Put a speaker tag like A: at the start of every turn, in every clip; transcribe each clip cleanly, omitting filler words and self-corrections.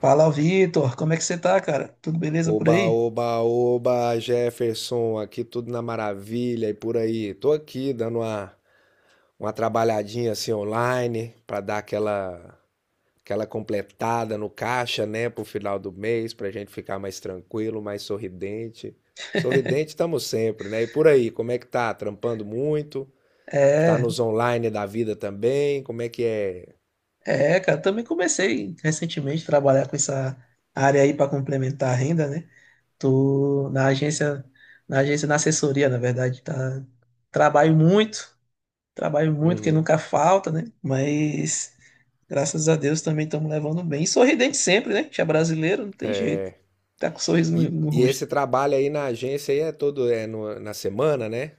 A: Fala, Vitor. Como é que você tá, cara? Tudo beleza por
B: Oba,
A: aí?
B: oba, oba, Jefferson, aqui tudo na maravilha e por aí. Tô aqui dando uma trabalhadinha assim online pra dar aquela completada no caixa, né, pro final do mês, pra gente ficar mais tranquilo, mais sorridente. Sorridente estamos sempre, né? E por aí, como é que tá? Trampando muito? Tá
A: É,
B: nos online da vida também? Como é que é?
A: cara. Também comecei recentemente a trabalhar com essa área aí para complementar a renda, né? Tô na agência, na assessoria, na verdade, tá. Trabalho muito, Trabalho muito, que
B: Uhum.
A: nunca falta, né? Mas graças a Deus também estamos levando bem. E sorridente sempre, né? Que é brasileiro, não tem jeito.
B: É.
A: Tá com um sorriso
B: E,
A: no
B: e
A: rosto.
B: esse trabalho aí na agência aí é todo é na semana, né?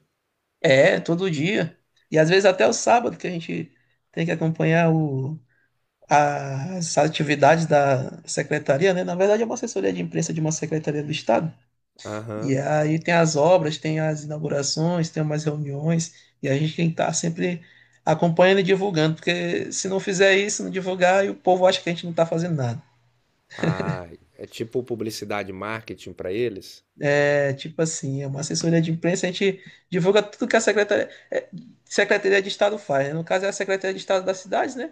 A: É, todo dia. E às vezes até o sábado, que a gente tem que as atividades da secretaria, né? Na verdade, é uma assessoria de imprensa de uma secretaria do Estado. E
B: Aham.
A: aí tem as obras, tem as inaugurações, tem umas reuniões, e a gente tem que estar sempre acompanhando e divulgando, porque se não fizer isso, não divulgar, e o povo acha que a gente não está fazendo nada.
B: Ah, é tipo publicidade e marketing para eles?
A: É tipo assim, é uma assessoria de imprensa, a gente divulga tudo que a Secretaria de Estado faz, né? No caso é a Secretaria de Estado das cidades, né?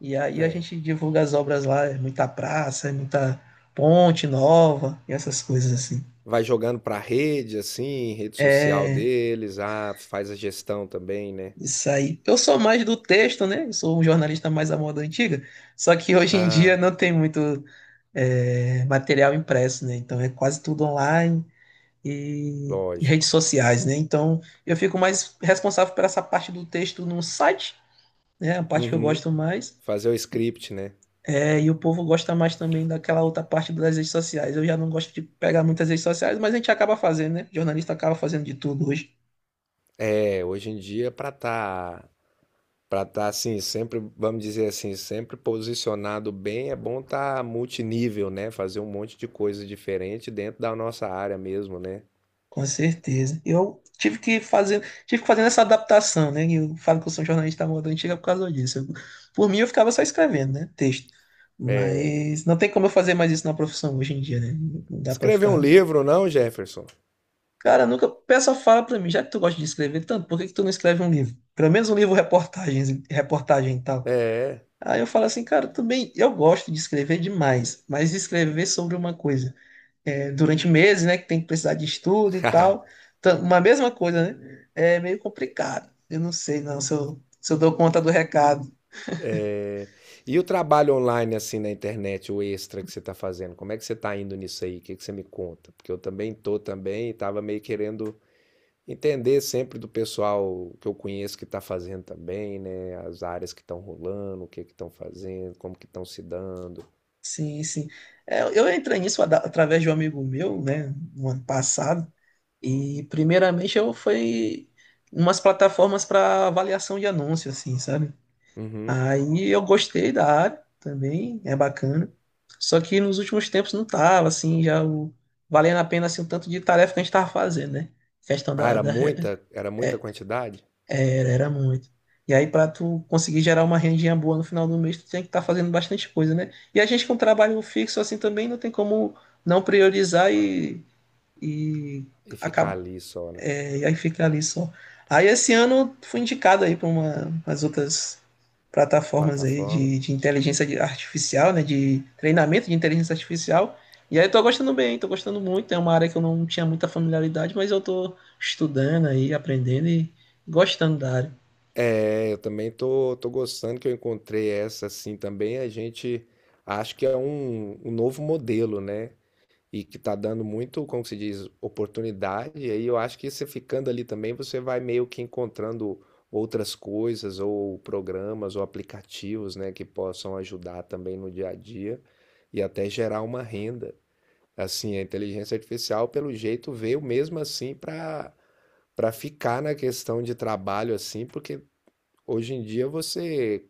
A: E aí a
B: É.
A: gente divulga as obras lá, é muita praça, é muita ponte nova, e essas coisas assim.
B: Vai jogando para rede, assim, rede social
A: É...
B: deles. Ah, faz a gestão também, né?
A: Isso aí. Eu sou mais do texto, né? Eu sou um jornalista mais à moda antiga. Só que hoje em dia
B: Ah,
A: não tem muito material impresso, né? Então é quase tudo online e redes
B: lógico.
A: sociais, né? Então eu fico mais responsável por essa parte do texto no site, né? A parte que eu
B: Uhum.
A: gosto mais.
B: Fazer o script, né?
A: É, e o povo gosta mais também daquela outra parte das redes sociais. Eu já não gosto de pegar muitas redes sociais, mas a gente acaba fazendo, né? Jornalista acaba fazendo de tudo hoje.
B: É, hoje em dia, para tá assim, sempre, vamos dizer assim, sempre posicionado bem, é bom tá multinível, né? Fazer um monte de coisa diferente dentro da nossa área mesmo, né?
A: Com certeza. Eu tive que fazer essa adaptação, né? E eu falo que eu sou um jornalista da moda antiga por causa disso. Por mim, eu ficava só escrevendo, né? Texto.
B: É.
A: Mas não tem como eu fazer mais isso na profissão hoje em dia, né? Não dá pra
B: Escrever um
A: ficar.
B: livro, não, Jefferson?
A: Cara, nunca. O pessoal fala pra mim, já que tu gosta de escrever tanto, por que que tu não escreve um livro? Pelo menos um livro reportagens, reportagem e tal.
B: É.
A: Aí eu falo assim, cara, tudo bem, eu gosto de escrever demais, mas escrever sobre uma coisa durante meses, né? Que tem que precisar de estudo e tal. Então, uma mesma coisa, né? É meio complicado. Eu não sei, não, se se eu dou conta do recado.
B: É, e o trabalho online, assim, na internet, o extra que você está fazendo, como é que você está indo nisso aí? O que que você me conta? Porque eu também tô também e estava meio querendo entender sempre do pessoal que eu conheço que está fazendo também, né? As áreas que estão rolando, o que que estão fazendo, como que estão se dando.
A: Sim, sim. É, eu entrei nisso através de um amigo meu, né? No ano passado. E primeiramente eu fui em umas plataformas para avaliação de anúncio, assim, sabe?
B: Uhum.
A: Aí eu gostei da área também, é bacana. Só que nos últimos tempos não tava, assim, valendo a pena assim, o tanto de tarefa que a gente tava fazendo, né? Questão
B: Ah,
A: da,
B: era
A: da-
B: muita, era muita quantidade?
A: Era, era muito. E aí, para tu conseguir gerar uma rendinha boa no final do mês, tu tem que estar fazendo bastante coisa, né? E a gente com trabalho fixo assim também não tem como não priorizar, e
B: E ficar
A: acaba
B: ali só, né?
A: e aí fica ali só. Aí esse ano fui indicado aí para umas outras plataformas aí
B: Plataforma.
A: de inteligência artificial, né? De treinamento de inteligência artificial. E aí eu tô gostando bem, tô gostando muito. É uma área que eu não tinha muita familiaridade, mas eu tô estudando aí, aprendendo e gostando da área.
B: É, eu também tô gostando que eu encontrei essa assim também. A gente acha que é um novo modelo, né? E que tá dando muito, como que se diz, oportunidade. E aí eu acho que você ficando ali também, você vai meio que encontrando outras coisas, ou programas, ou aplicativos, né, que possam ajudar também no dia a dia e até gerar uma renda. Assim, a inteligência artificial, pelo jeito, veio mesmo assim para ficar na questão de trabalho assim, porque hoje em dia você,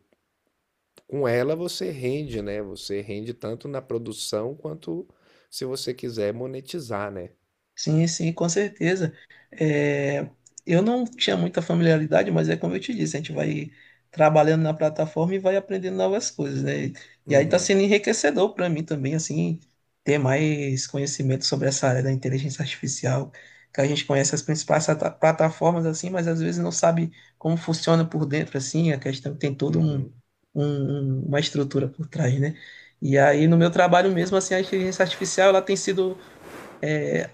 B: com ela você rende, né? Você rende tanto na produção quanto se você quiser monetizar, né?
A: Sim, sim, com certeza. É, eu não tinha muita familiaridade, mas é como eu te disse, a gente vai trabalhando na plataforma e vai aprendendo novas coisas, né? E aí está
B: Uhum,
A: sendo enriquecedor para mim também, assim, ter mais conhecimento sobre essa área da inteligência artificial, que a gente conhece as principais plataformas, assim, mas às vezes não sabe como funciona por dentro, assim, a questão tem toda
B: uhum,
A: uma estrutura por trás, né? E aí, no meu trabalho mesmo, assim, a inteligência artificial, ela tem sido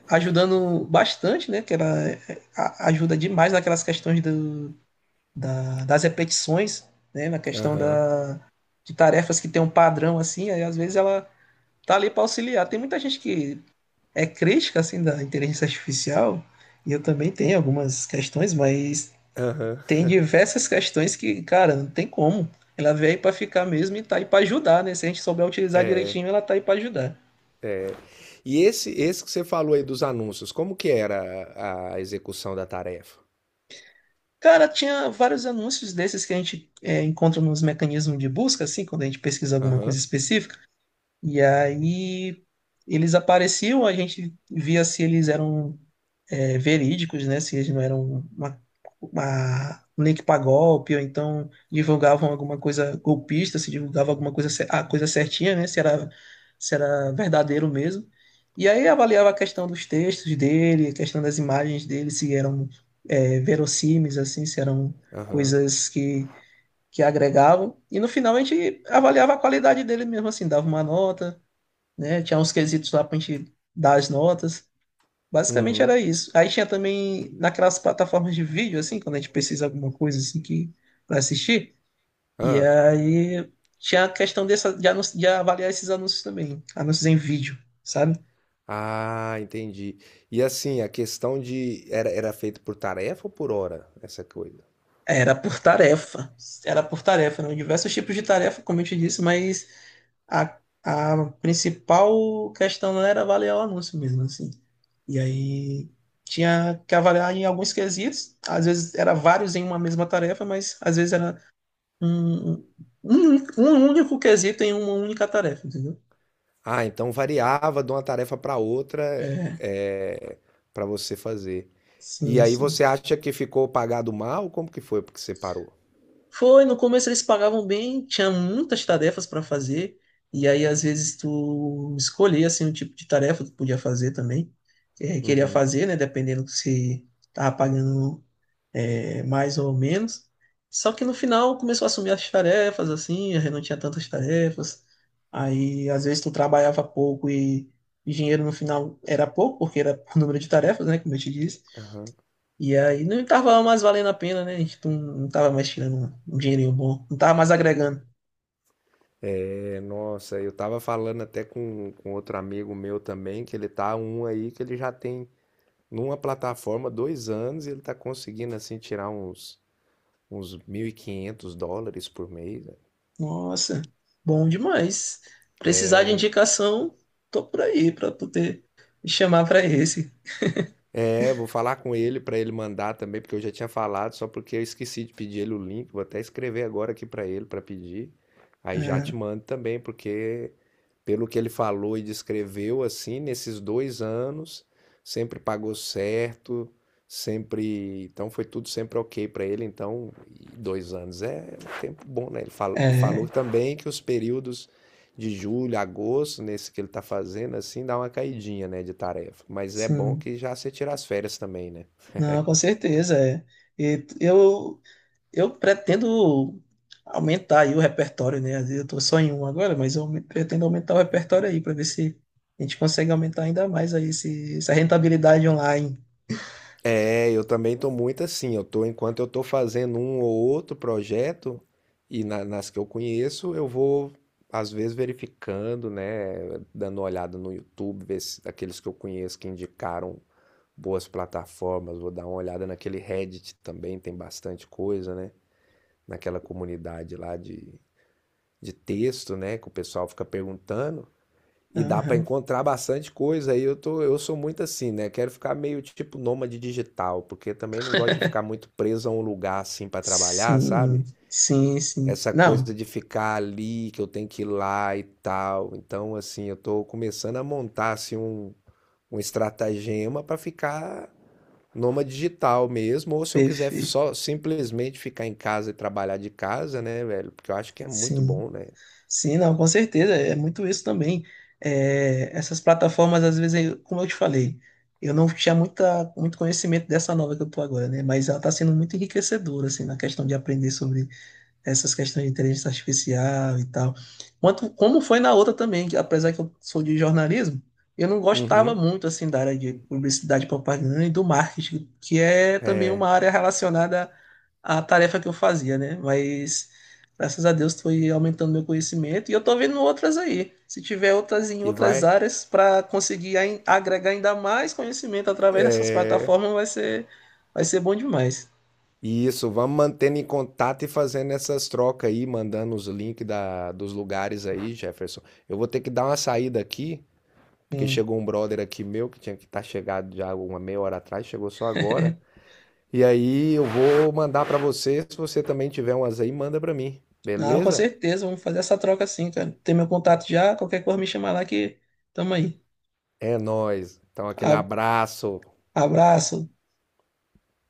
A: ajudando bastante, né? Que ela ajuda demais naquelas questões das repetições, né? Na questão
B: aham,
A: de tarefas que tem um padrão assim, aí às vezes ela tá ali para auxiliar. Tem muita gente que é crítica assim da inteligência artificial, e eu também tenho algumas questões, mas
B: aham.
A: tem diversas questões que, cara, não tem como. Ela veio aí para ficar mesmo e tá aí para ajudar, né? Se a gente souber utilizar direitinho, ela tá aí para ajudar.
B: E esse que você falou aí dos anúncios, como que era a execução da tarefa?
A: Cara, tinha vários anúncios desses que a gente encontra nos mecanismos de busca, assim, quando a gente pesquisa alguma coisa
B: Aham,
A: específica. E aí eles apareciam, a gente via se eles eram verídicos, né? Se eles não eram uma um link para golpe, ou então divulgavam alguma coisa golpista, se divulgava alguma coisa, a coisa certinha, né? Se era verdadeiro mesmo. E aí avaliava a questão dos textos dele, a questão das imagens dele, se eram verossímeis, assim, se eram
B: aham,
A: coisas que agregavam. E no final a gente avaliava a qualidade dele mesmo, assim, dava uma nota, né? Tinha uns quesitos lá para a gente dar as notas. Basicamente
B: uhum,
A: era isso. Aí tinha também naquelas plataformas de vídeo, assim, quando a gente precisa de alguma coisa assim que para assistir. E
B: ah,
A: aí tinha a questão dessa, de avaliar esses anúncios também, anúncios em vídeo, sabe?
B: ah, entendi. E assim, a questão de, era feito por tarefa ou por hora, essa coisa?
A: Era por tarefa, era por tarefa, eram diversos tipos de tarefa, como eu te disse, mas a principal questão não era avaliar o anúncio mesmo, assim. E aí tinha que avaliar em alguns quesitos, às vezes era vários em uma mesma tarefa, mas às vezes era um, um único quesito em uma única tarefa, entendeu?
B: Ah, então variava de uma tarefa para outra,
A: É,
B: é, para você fazer. E
A: sim,
B: aí
A: sim.
B: você acha que ficou pagado mal? Como que foi porque você parou?
A: Foi, no começo eles pagavam bem, tinha muitas tarefas para fazer, e aí às vezes tu escolhia assim o tipo de tarefa que tu podia fazer também, que queria
B: Uhum.
A: fazer, né, dependendo se tava pagando mais ou menos. Só que no final começou a assumir as tarefas, assim, eu não tinha tantas tarefas. Aí, às vezes, tu trabalhava pouco e o dinheiro no final era pouco, porque era o número de tarefas, né, como eu te disse.
B: Aham.
A: E aí não estava mais valendo a pena, né? A gente não tava mais tirando um dinheirinho bom, não tava mais agregando.
B: É, nossa, eu tava falando até com outro amigo meu também, que ele tá um aí que ele já tem numa plataforma 2 anos e ele tá conseguindo assim tirar uns US$ 1.500 por mês.
A: Nossa, bom demais. Precisar de indicação, tô por aí para tu ter me chamar para esse.
B: É, vou falar com ele para ele mandar também, porque eu já tinha falado, só porque eu esqueci de pedir ele o link. Vou até escrever agora aqui para ele para pedir. Aí já te mando também, porque pelo que ele falou e descreveu, assim, nesses 2 anos, sempre pagou certo, sempre. Então foi tudo sempre ok para ele. Então, 2 anos é um tempo bom, né? Ele
A: É,
B: falou, e falou
A: é,
B: também que os períodos de julho, agosto, nesse que ele tá fazendo, assim, dá uma caidinha, né, de tarefa. Mas é bom
A: sim.
B: que já você tira as férias também, né?
A: Não, com certeza, é. E t- eu, eu pretendo aumentar aí o repertório, né? Às vezes eu tô só em um agora, mas eu pretendo aumentar o repertório aí para ver se a gente consegue aumentar ainda mais aí essa rentabilidade online.
B: É, eu também tô muito assim, eu tô, enquanto eu tô fazendo um ou outro projeto, e nas que eu conheço, eu vou, às vezes, verificando, né, dando uma olhada no YouTube, ver se aqueles que eu conheço que indicaram boas plataformas, vou dar uma olhada naquele Reddit também, tem bastante coisa, né, naquela comunidade lá de texto, né, que o pessoal fica perguntando, e dá para
A: Aham.
B: encontrar bastante coisa. Aí eu tô, eu sou muito assim, né? Quero ficar meio tipo nômade digital, porque também não gosto de ficar muito preso a um lugar assim para trabalhar, sabe?
A: Sim, sim, sim.
B: Essa coisa
A: Não,
B: de ficar ali, que eu tenho que ir lá e tal. Então, assim, eu tô começando a montar assim um estratagema para ficar nômade digital mesmo, ou se eu quiser
A: perfeito.
B: só simplesmente ficar em casa e trabalhar de casa, né, velho? Porque eu acho que é muito
A: Sim.
B: bom, né?
A: Sim, não, com certeza, é muito isso também. É, essas plataformas, às vezes, como eu te falei, eu não tinha muito conhecimento dessa nova que eu tô agora, né? Mas ela está sendo muito enriquecedora, assim, na questão de aprender sobre essas questões de inteligência artificial e tal. Quanto, como foi na outra também, que apesar que eu sou de jornalismo, eu não gostava
B: Uhum.
A: muito assim da área de publicidade, propaganda e do marketing, que é também uma
B: É.
A: área relacionada à tarefa que eu fazia, né? Mas graças a Deus foi aumentando meu conhecimento e eu tô vendo outras aí. Se tiver outras em
B: E
A: outras
B: vai.
A: áreas para conseguir agregar ainda mais conhecimento através dessas plataformas, vai ser bom demais.
B: Isso, vamos mantendo em contato e fazendo essas trocas aí, mandando os links dos lugares aí, Jefferson. Eu vou ter que dar uma saída aqui, porque chegou um brother aqui meu que tinha que estar chegado já uma meia hora atrás, chegou só agora. E aí eu vou mandar pra você, se você também tiver umas aí, manda pra mim,
A: Não, com
B: beleza?
A: certeza, vamos fazer essa troca sim, cara. Tem meu contato já, qualquer coisa me chamar lá que tamo aí.
B: É nóis. Então aquele
A: A-
B: abraço.
A: Abraço.